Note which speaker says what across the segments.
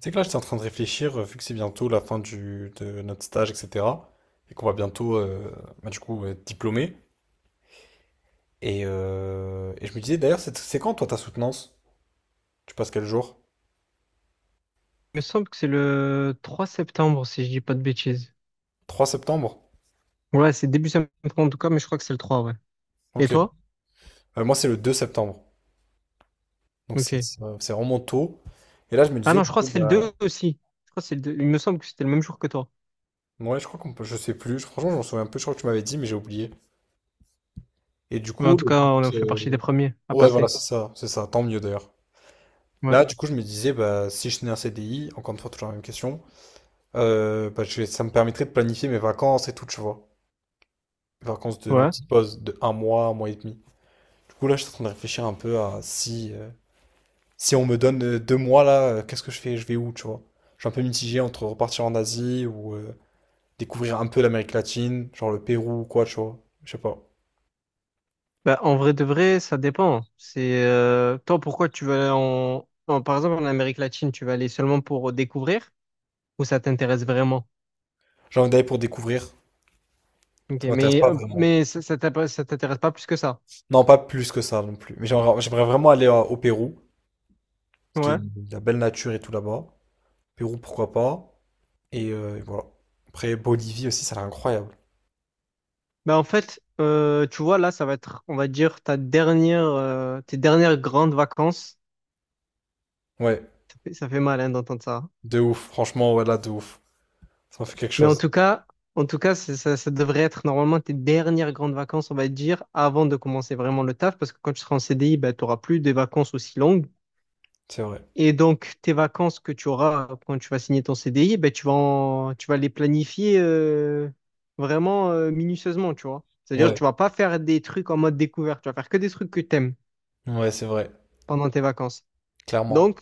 Speaker 1: C'est que là, j'étais en train de réfléchir, vu que c'est bientôt la fin de notre stage, etc. Et qu'on va bientôt, du coup, être diplômé. Et je me disais, d'ailleurs, c'est quand, toi, ta soutenance? Tu passes quel jour?
Speaker 2: Il me semble que c'est le 3 septembre, si je dis pas de bêtises.
Speaker 1: Trois septembre?
Speaker 2: Ouais, c'est début septembre en tout cas, mais je crois que c'est le 3, ouais. Et
Speaker 1: Ok.
Speaker 2: toi?
Speaker 1: Moi, c'est le deux septembre. Donc, c'est
Speaker 2: Ok.
Speaker 1: c'est, euh, c'est vraiment tôt. Et là, je me
Speaker 2: Ah
Speaker 1: disais,
Speaker 2: non, je
Speaker 1: du
Speaker 2: crois
Speaker 1: coup,
Speaker 2: que c'est le
Speaker 1: bah,
Speaker 2: 2 aussi. Je crois que c'est le 2. Il me semble que c'était le même jour que toi.
Speaker 1: ouais, je crois qu'on peut, je sais plus. Franchement, je m'en souviens un peu. Je crois que tu m'avais dit, mais j'ai oublié. Et du
Speaker 2: Mais en
Speaker 1: coup,
Speaker 2: tout
Speaker 1: le
Speaker 2: cas, on a
Speaker 1: but,
Speaker 2: fait partie des premiers à
Speaker 1: ouais, voilà,
Speaker 2: passer.
Speaker 1: c'est ça, c'est ça. Tant mieux, d'ailleurs.
Speaker 2: Ouais.
Speaker 1: Là, du coup, je me disais, bah, si je tenais un CDI, encore une fois, toujours la même question. Ça me permettrait de planifier mes vacances et tout, tu vois. Les vacances de ma
Speaker 2: Ouais.
Speaker 1: petite pause de un mois et demi. Du coup, là, je suis en train de réfléchir un peu à si on me donne 2 mois, là, qu'est-ce que je fais? Je vais où, tu vois? Je suis un peu mitigé entre repartir en Asie ou découvrir un peu l'Amérique latine, genre le Pérou ou quoi, tu vois. Je sais pas.
Speaker 2: Bah, en vrai de vrai, ça dépend. C'est Toi, pourquoi tu veux. Par exemple, en Amérique latine, tu vas aller seulement pour découvrir ou ça t'intéresse vraiment?
Speaker 1: J'ai envie d'aller pour découvrir.
Speaker 2: Ok,
Speaker 1: Ça m'intéresse
Speaker 2: mais,
Speaker 1: pas
Speaker 2: euh,
Speaker 1: vraiment.
Speaker 2: mais ça, ça t'intéresse pas plus que ça.
Speaker 1: Non, pas plus que ça non plus. Mais j'aimerais vraiment aller au Pérou, parce qu'il y a
Speaker 2: Ouais.
Speaker 1: de la belle nature et tout là-bas. Pérou, pourquoi pas. Et voilà. Après, Bolivie aussi, ça a l'air incroyable.
Speaker 2: Bah en fait, tu vois, là, ça va être, on va dire, tes dernières grandes vacances.
Speaker 1: Ouais,
Speaker 2: Ça fait mal, hein, d'entendre ça.
Speaker 1: de ouf. Franchement, ouais, là, de ouf. Ça m'a fait quelque
Speaker 2: Mais en
Speaker 1: chose.
Speaker 2: tout cas, en tout cas, ça devrait être normalement tes dernières grandes vacances, on va dire, avant de commencer vraiment le taf, parce que quand tu seras en CDI, bah, tu n'auras plus de vacances aussi longues.
Speaker 1: C'est vrai.
Speaker 2: Et donc, tes vacances que tu auras quand tu vas signer ton CDI, bah, tu vas les planifier vraiment minutieusement, tu vois. C'est-à-dire,
Speaker 1: Ouais,
Speaker 2: tu vas pas faire des trucs en mode découverte, tu vas faire que des trucs que tu aimes
Speaker 1: ouais, c'est vrai.
Speaker 2: pendant tes vacances.
Speaker 1: Clairement.
Speaker 2: Donc,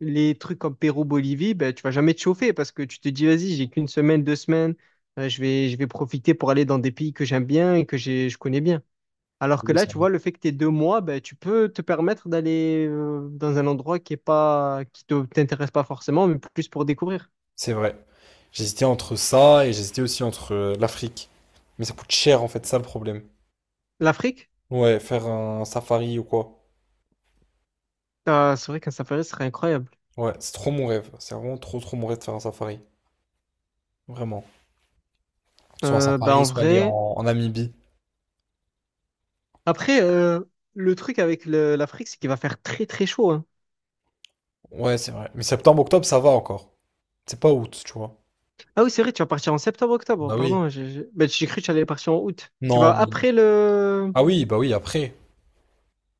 Speaker 2: les trucs comme Pérou-Bolivie, ben, tu vas jamais te chauffer parce que tu te dis, vas-y, j'ai qu'une semaine, 2 semaines, je vais profiter pour aller dans des pays que j'aime bien et que je connais bien. Alors que
Speaker 1: Ouais,
Speaker 2: là,
Speaker 1: c'est
Speaker 2: tu
Speaker 1: vrai.
Speaker 2: vois, le fait que tu aies 2 mois, ben, tu peux te permettre d'aller dans un endroit qui est pas, qui te, t'intéresse pas forcément, mais plus pour découvrir.
Speaker 1: C'est vrai. J'hésitais entre ça et j'hésitais aussi entre l'Afrique. Mais ça coûte cher en fait, ça le problème.
Speaker 2: L'Afrique,
Speaker 1: Ouais, faire un safari ou quoi.
Speaker 2: ah, c'est vrai qu'un safari serait incroyable.
Speaker 1: Ouais, c'est trop mon rêve. C'est vraiment trop trop mon rêve de faire un safari. Vraiment. Soit un
Speaker 2: Ben, en
Speaker 1: safari, soit aller
Speaker 2: vrai,
Speaker 1: en Namibie.
Speaker 2: après, le truc avec l'Afrique, c'est qu'il va faire très très chaud, hein.
Speaker 1: Ouais, c'est vrai. Mais septembre-octobre, ça va encore. C'est pas août, tu vois.
Speaker 2: Ah oui, c'est vrai, tu vas partir en septembre-octobre.
Speaker 1: Bah oui.
Speaker 2: Pardon, ben, j'ai cru que tu allais partir en août. Tu vas
Speaker 1: Non, mais non.
Speaker 2: après le...
Speaker 1: Ah oui, bah oui, après.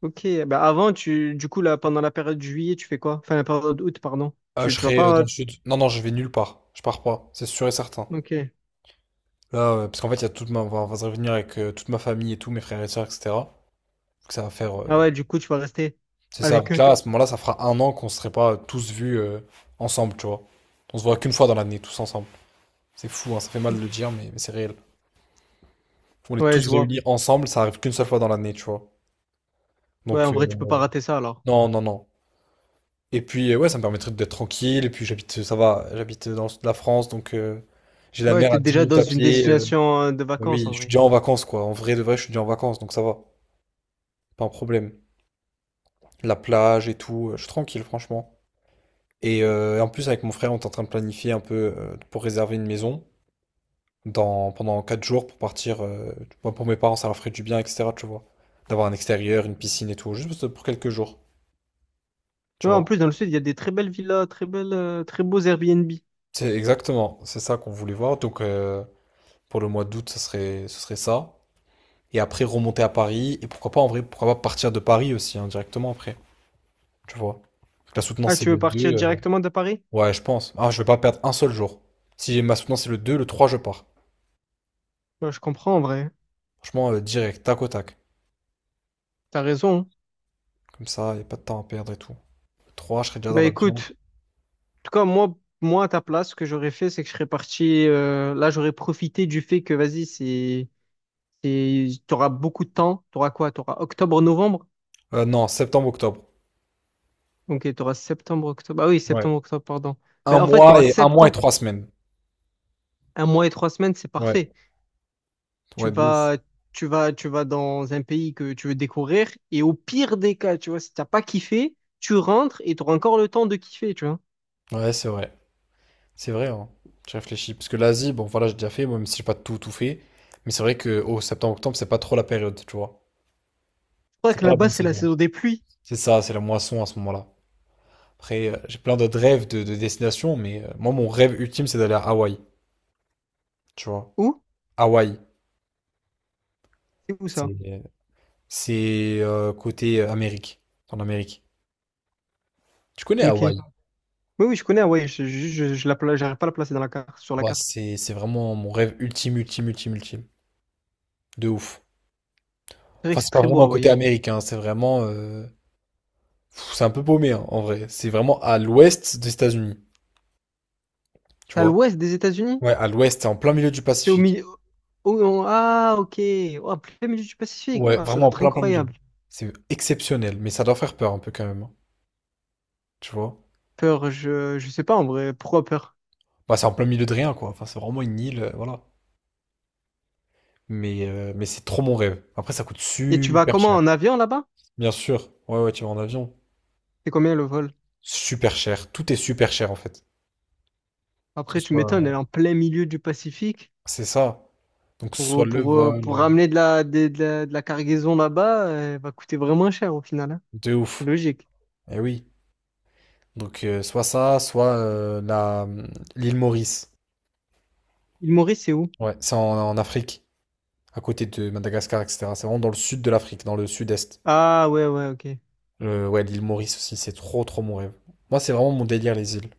Speaker 2: Ok, ben avant, tu... du coup, là, pendant la période juillet, tu fais quoi? Enfin, la période août, pardon.
Speaker 1: Ah,
Speaker 2: Tu,
Speaker 1: je
Speaker 2: tu vas
Speaker 1: serai dans
Speaker 2: pas...
Speaker 1: le sud. Non, non, je vais nulle part. Je pars pas, c'est sûr et certain.
Speaker 2: Ok.
Speaker 1: Parce qu'en fait, il y a toute ma... enfin, on va se revenir avec toute ma famille et tout, mes frères et sœurs, etc. Donc ça va faire...
Speaker 2: Ah ouais, du coup, tu vas rester
Speaker 1: C'est ça.
Speaker 2: avec
Speaker 1: Donc
Speaker 2: eux.
Speaker 1: là, à ce moment-là, ça fera 1 an qu'on serait pas tous vus ensemble, tu vois. On se voit qu'une fois dans l'année, tous ensemble. C'est fou, hein, ça fait mal de le dire, mais c'est réel. On est
Speaker 2: Ouais, je
Speaker 1: tous
Speaker 2: vois.
Speaker 1: réunis ensemble, ça arrive qu'une seule fois dans l'année, tu vois.
Speaker 2: Ouais,
Speaker 1: Donc,
Speaker 2: en vrai, tu peux pas rater ça, alors.
Speaker 1: non, non, non. Et puis, ouais, ça me permettrait d'être tranquille. Et puis, j'habite, ça va, j'habite dans le sud de la France, donc j'ai la
Speaker 2: Ouais,
Speaker 1: mer
Speaker 2: t'es
Speaker 1: à 10
Speaker 2: déjà
Speaker 1: minutes
Speaker 2: dans
Speaker 1: à
Speaker 2: une
Speaker 1: pied.
Speaker 2: destination de
Speaker 1: Bah
Speaker 2: vacances,
Speaker 1: oui,
Speaker 2: en
Speaker 1: je suis
Speaker 2: vrai.
Speaker 1: déjà en vacances, quoi. En vrai de vrai, je suis déjà en vacances, donc ça va. Pas un problème. La plage et tout, je suis tranquille, franchement. Et en plus, avec mon frère, on est en train de planifier un peu pour réserver une maison pendant 4 jours pour partir. Moi, pour mes parents, ça leur ferait du bien, etc. Tu vois. D'avoir un extérieur, une piscine et tout, juste pour quelques jours. Tu
Speaker 2: Ouais, en
Speaker 1: vois.
Speaker 2: plus, dans le sud, il y a des très belles villas, très beaux Airbnb.
Speaker 1: C'est exactement, c'est ça qu'on voulait voir. Donc, pour le mois d'août, ce serait ça. Et après, remonter à Paris. Et pourquoi pas, en vrai, pourquoi pas partir de Paris aussi, hein, directement après. Tu vois. La
Speaker 2: Ah,
Speaker 1: soutenance, c'est
Speaker 2: tu veux
Speaker 1: le 2.
Speaker 2: partir directement de Paris?
Speaker 1: Ouais, je pense. Ah, je vais pas perdre un seul jour. Si j'ai ma soutenance, c'est le 2, le 3, je pars.
Speaker 2: Ben, je comprends, en vrai.
Speaker 1: Franchement, direct, tac au tac.
Speaker 2: T'as raison.
Speaker 1: Comme ça, y a pas de temps à perdre et tout. Le 3, je serai déjà dans
Speaker 2: Ben
Speaker 1: l'avion.
Speaker 2: écoute, tout cas, moi, à ta place, ce que j'aurais fait, c'est que je serais parti. Là, j'aurais profité du fait que, vas-y, c'est, t'auras beaucoup de temps. T'auras quoi? T'auras octobre, novembre.
Speaker 1: Non, septembre, octobre.
Speaker 2: Ok, t'auras septembre, octobre. Ah oui,
Speaker 1: Ouais.
Speaker 2: septembre, octobre, pardon. Mais en fait, t'auras
Speaker 1: Un mois et
Speaker 2: septembre.
Speaker 1: trois semaines.
Speaker 2: Un mois et 3 semaines, c'est
Speaker 1: Ouais.
Speaker 2: parfait. Tu
Speaker 1: Ouais, de ouf.
Speaker 2: vas, tu vas dans un pays que tu veux découvrir. Et au pire des cas, tu vois, si t'as pas kiffé, tu rentres et t'auras encore le temps de kiffer, tu vois.
Speaker 1: Ouais, c'est vrai. C'est vrai, hein. J'ai réfléchi. Parce que l'Asie, bon, voilà, j'ai déjà fait, même si j'ai pas tout, tout fait. Mais c'est vrai que au septembre, octobre, c'est pas trop la période, tu vois.
Speaker 2: Je crois
Speaker 1: C'est
Speaker 2: que
Speaker 1: pas la
Speaker 2: là-bas,
Speaker 1: bonne
Speaker 2: c'est la
Speaker 1: saison.
Speaker 2: saison des pluies.
Speaker 1: C'est ça, c'est la moisson à ce moment-là. Après, j'ai plein d'autres rêves de destinations, mais moi, mon rêve ultime, c'est d'aller à Hawaï, tu vois.
Speaker 2: Où?
Speaker 1: Hawaï.
Speaker 2: C'est où ça?
Speaker 1: C'est c'est côté Amérique, en Amérique. Tu connais
Speaker 2: Ok.
Speaker 1: Hawaï?
Speaker 2: Oui, oui, je connais Hawaï. J'arrive pas à la placer sur la
Speaker 1: Bah,
Speaker 2: carte.
Speaker 1: c'est vraiment mon rêve ultime, ultime, ultime, ultime. De ouf.
Speaker 2: C'est vrai
Speaker 1: Enfin,
Speaker 2: que c'est
Speaker 1: c'est pas
Speaker 2: très beau,
Speaker 1: vraiment
Speaker 2: Hawaï,
Speaker 1: côté
Speaker 2: hein.
Speaker 1: américain, c'est vraiment. C'est un peu paumé, hein, en vrai. C'est vraiment à l'ouest des États-Unis, tu
Speaker 2: C'est à
Speaker 1: vois.
Speaker 2: l'ouest des États-Unis?
Speaker 1: Ouais, à l'ouest, c'est en plein milieu du
Speaker 2: C'est au
Speaker 1: Pacifique.
Speaker 2: milieu. Oh, oh, ah, ok. Oh, plein milieu du Pacifique.
Speaker 1: Ouais,
Speaker 2: Ah, ça doit
Speaker 1: vraiment en
Speaker 2: être
Speaker 1: plein, plein milieu.
Speaker 2: incroyable.
Speaker 1: C'est exceptionnel, mais ça doit faire peur un peu quand même, hein, tu vois.
Speaker 2: Peur, je sais pas en vrai. Pourquoi peur?
Speaker 1: Bah, c'est en plein milieu de rien, quoi. Enfin, c'est vraiment une île, voilà. Mais c'est trop mon rêve. Après, ça coûte
Speaker 2: Et tu vas
Speaker 1: super
Speaker 2: comment
Speaker 1: cher.
Speaker 2: en avion là-bas?
Speaker 1: Bien sûr, ouais, ouais, tu vas en avion.
Speaker 2: C'est combien le vol?
Speaker 1: Super cher, tout est super cher en fait. Que
Speaker 2: Après,
Speaker 1: ce
Speaker 2: tu m'étonnes, elle
Speaker 1: soit...
Speaker 2: est en plein milieu du Pacifique.
Speaker 1: C'est ça. Donc, que ce soit
Speaker 2: Pour,
Speaker 1: le
Speaker 2: pour, euh,
Speaker 1: vol,
Speaker 2: pour ramener de la, des- de la cargaison là-bas, elle va coûter vraiment cher au final, hein.
Speaker 1: de
Speaker 2: C'est
Speaker 1: ouf.
Speaker 2: logique.
Speaker 1: Eh oui. Donc, soit ça, soit l'île Maurice.
Speaker 2: Île Maurice, c'est où?
Speaker 1: Ouais, c'est en Afrique, à côté de Madagascar, etc. C'est vraiment dans le sud de l'Afrique, dans le sud-est.
Speaker 2: Ah, ouais, ouais, ok.
Speaker 1: Ouais, l'île Maurice aussi, c'est trop, trop mon rêve. Moi, c'est vraiment mon délire, les îles,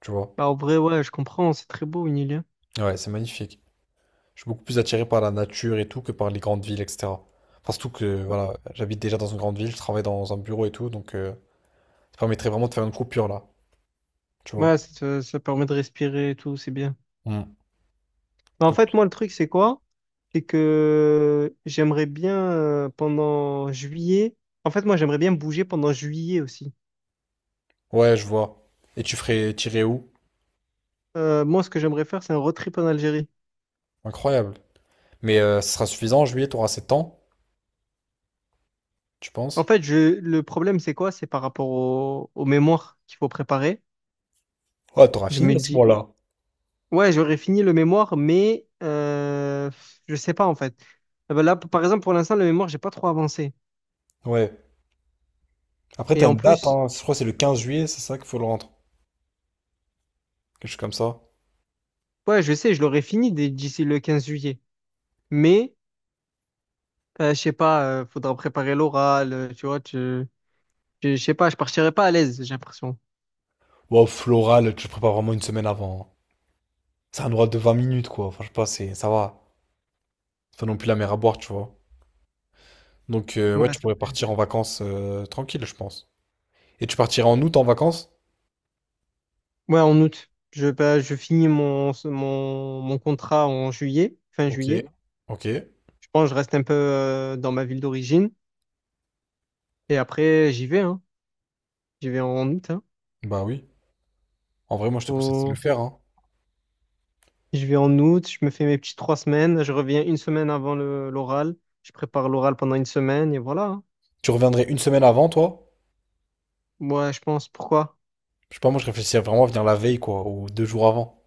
Speaker 1: tu vois.
Speaker 2: Bah, en vrai, ouais, je comprends. C'est très beau, une île, hein.
Speaker 1: Ouais, c'est magnifique. Je suis beaucoup plus attiré par la nature et tout que par les grandes villes, etc. Enfin, surtout que voilà, j'habite déjà dans une grande ville, je travaille dans un bureau et tout, donc ça permettrait vraiment de faire une coupure là, tu vois.
Speaker 2: Ouais, ça permet de respirer et tout, c'est bien.
Speaker 1: Mm.
Speaker 2: Mais en
Speaker 1: Donc,
Speaker 2: fait, moi, le truc, c'est quoi? C'est que j'aimerais bien pendant juillet. En fait, moi, j'aimerais bien bouger pendant juillet aussi.
Speaker 1: ouais, je vois. Et tu ferais tirer où?
Speaker 2: Moi, ce que j'aimerais faire, c'est un road trip en Algérie.
Speaker 1: Incroyable. Mais ce sera suffisant en juillet, t'auras 7 ans, tu
Speaker 2: En
Speaker 1: penses?
Speaker 2: fait, le problème, c'est quoi? C'est par rapport au mémoire qu'il faut préparer.
Speaker 1: Ouais, t'auras
Speaker 2: Je
Speaker 1: fini
Speaker 2: me
Speaker 1: à ce
Speaker 2: dis,
Speaker 1: moment-là.
Speaker 2: ouais, j'aurais fini le mémoire, mais je sais pas, en fait. Eh ben là, par exemple, pour l'instant, le mémoire, j'ai pas trop avancé.
Speaker 1: Ouais. Après,
Speaker 2: Et
Speaker 1: t'as
Speaker 2: en
Speaker 1: une date,
Speaker 2: plus,
Speaker 1: hein. Je crois que c'est le 15 juillet, c'est ça qu'il faut le rendre. Quelque chose comme ça.
Speaker 2: ouais, je sais, je l'aurais fini d'ici le 15 juillet. Mais je sais pas, faudra préparer l'oral, tu vois, tu, je sais pas, je partirai pas à l'aise, j'ai l'impression.
Speaker 1: Wow, floral, tu le prépares vraiment une semaine avant. Hein. C'est un oral de 20 minutes, quoi. Enfin, je sais pas, c'est, ça va. C'est pas non plus la mer à boire, tu vois. Donc, ouais,
Speaker 2: Ouais,
Speaker 1: tu
Speaker 2: c'est
Speaker 1: pourrais
Speaker 2: vrai.
Speaker 1: partir en vacances tranquille, je pense. Et tu partirais en août en vacances?
Speaker 2: Ouais, en août. Bah, je finis mon contrat en juillet, fin
Speaker 1: Ok.
Speaker 2: juillet.
Speaker 1: Ok.
Speaker 2: Je pense que je reste un peu dans ma ville d'origine. Et après, j'y vais, hein. J'y vais en août, hein.
Speaker 1: Bah oui. En vrai, moi, je te conseille de le
Speaker 2: Au-
Speaker 1: faire, hein.
Speaker 2: Je vais en août, je me fais mes petites 3 semaines. Je reviens une semaine avant l'oral. Je prépare l'oral pendant une semaine et voilà, hein.
Speaker 1: Tu reviendrais une semaine avant, toi?
Speaker 2: Moi, je pense, pourquoi?
Speaker 1: Je sais pas, moi, je réfléchissais vraiment à venir la veille, quoi, ou deux jours avant.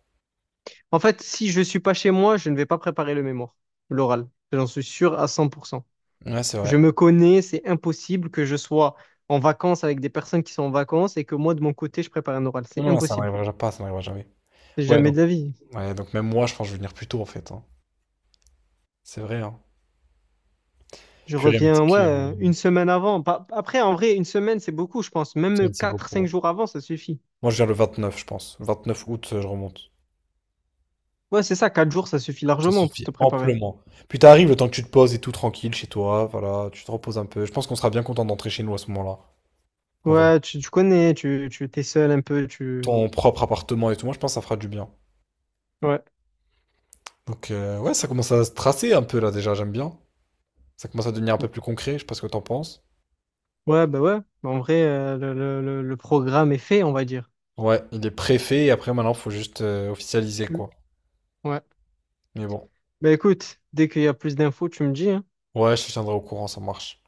Speaker 2: En fait, si je suis pas chez moi, je ne vais pas préparer le mémoire, l'oral. J'en suis sûr à 100%.
Speaker 1: Ouais, c'est
Speaker 2: Je
Speaker 1: vrai.
Speaker 2: me connais, c'est impossible que je sois en vacances avec des personnes qui sont en vacances et que moi, de mon côté, je prépare un oral.
Speaker 1: Non,
Speaker 2: C'est
Speaker 1: non, ça
Speaker 2: impossible.
Speaker 1: n'arrivera pas, ça n'arrivera jamais.
Speaker 2: C'est
Speaker 1: Ouais,
Speaker 2: jamais
Speaker 1: donc,
Speaker 2: de la vie.
Speaker 1: ouais, donc même moi, je pense que je vais venir plus tôt, en fait. Hein. C'est vrai, hein.
Speaker 2: Je
Speaker 1: Purée, mais t'es
Speaker 2: reviens, ouais,
Speaker 1: que
Speaker 2: une
Speaker 1: une
Speaker 2: semaine avant. Après, en vrai, une semaine, c'est beaucoup, je pense. Même
Speaker 1: semaine, c'est
Speaker 2: quatre,
Speaker 1: beaucoup.
Speaker 2: cinq
Speaker 1: Hein.
Speaker 2: jours avant, ça suffit.
Speaker 1: Moi, je viens le 29, je pense. 29 août, je remonte.
Speaker 2: Ouais, c'est ça, quatre jours, ça suffit
Speaker 1: Ça
Speaker 2: largement pour
Speaker 1: suffit
Speaker 2: te préparer.
Speaker 1: amplement. Puis t'arrives le temps que tu te poses et tout tranquille chez toi, voilà, tu te reposes un peu. Je pense qu'on sera bien content d'entrer chez nous à ce moment-là, en vrai.
Speaker 2: Ouais, tu connais, tu t'es seul un peu, tu...
Speaker 1: Ton propre appartement et tout, moi je pense que ça fera du bien.
Speaker 2: Ouais.
Speaker 1: Donc ouais, ça commence à se tracer un peu là déjà, j'aime bien. Ça commence à devenir un peu plus concret, je sais pas ce que t'en penses.
Speaker 2: Ouais. Bah, en vrai, le programme est fait, on va dire.
Speaker 1: Ouais, il est préfet et après maintenant faut juste officialiser quoi.
Speaker 2: Ouais.
Speaker 1: Mais bon,
Speaker 2: Bah écoute, dès qu'il y a plus d'infos, tu me dis, hein.
Speaker 1: ouais, je te tiendrai au courant, ça marche.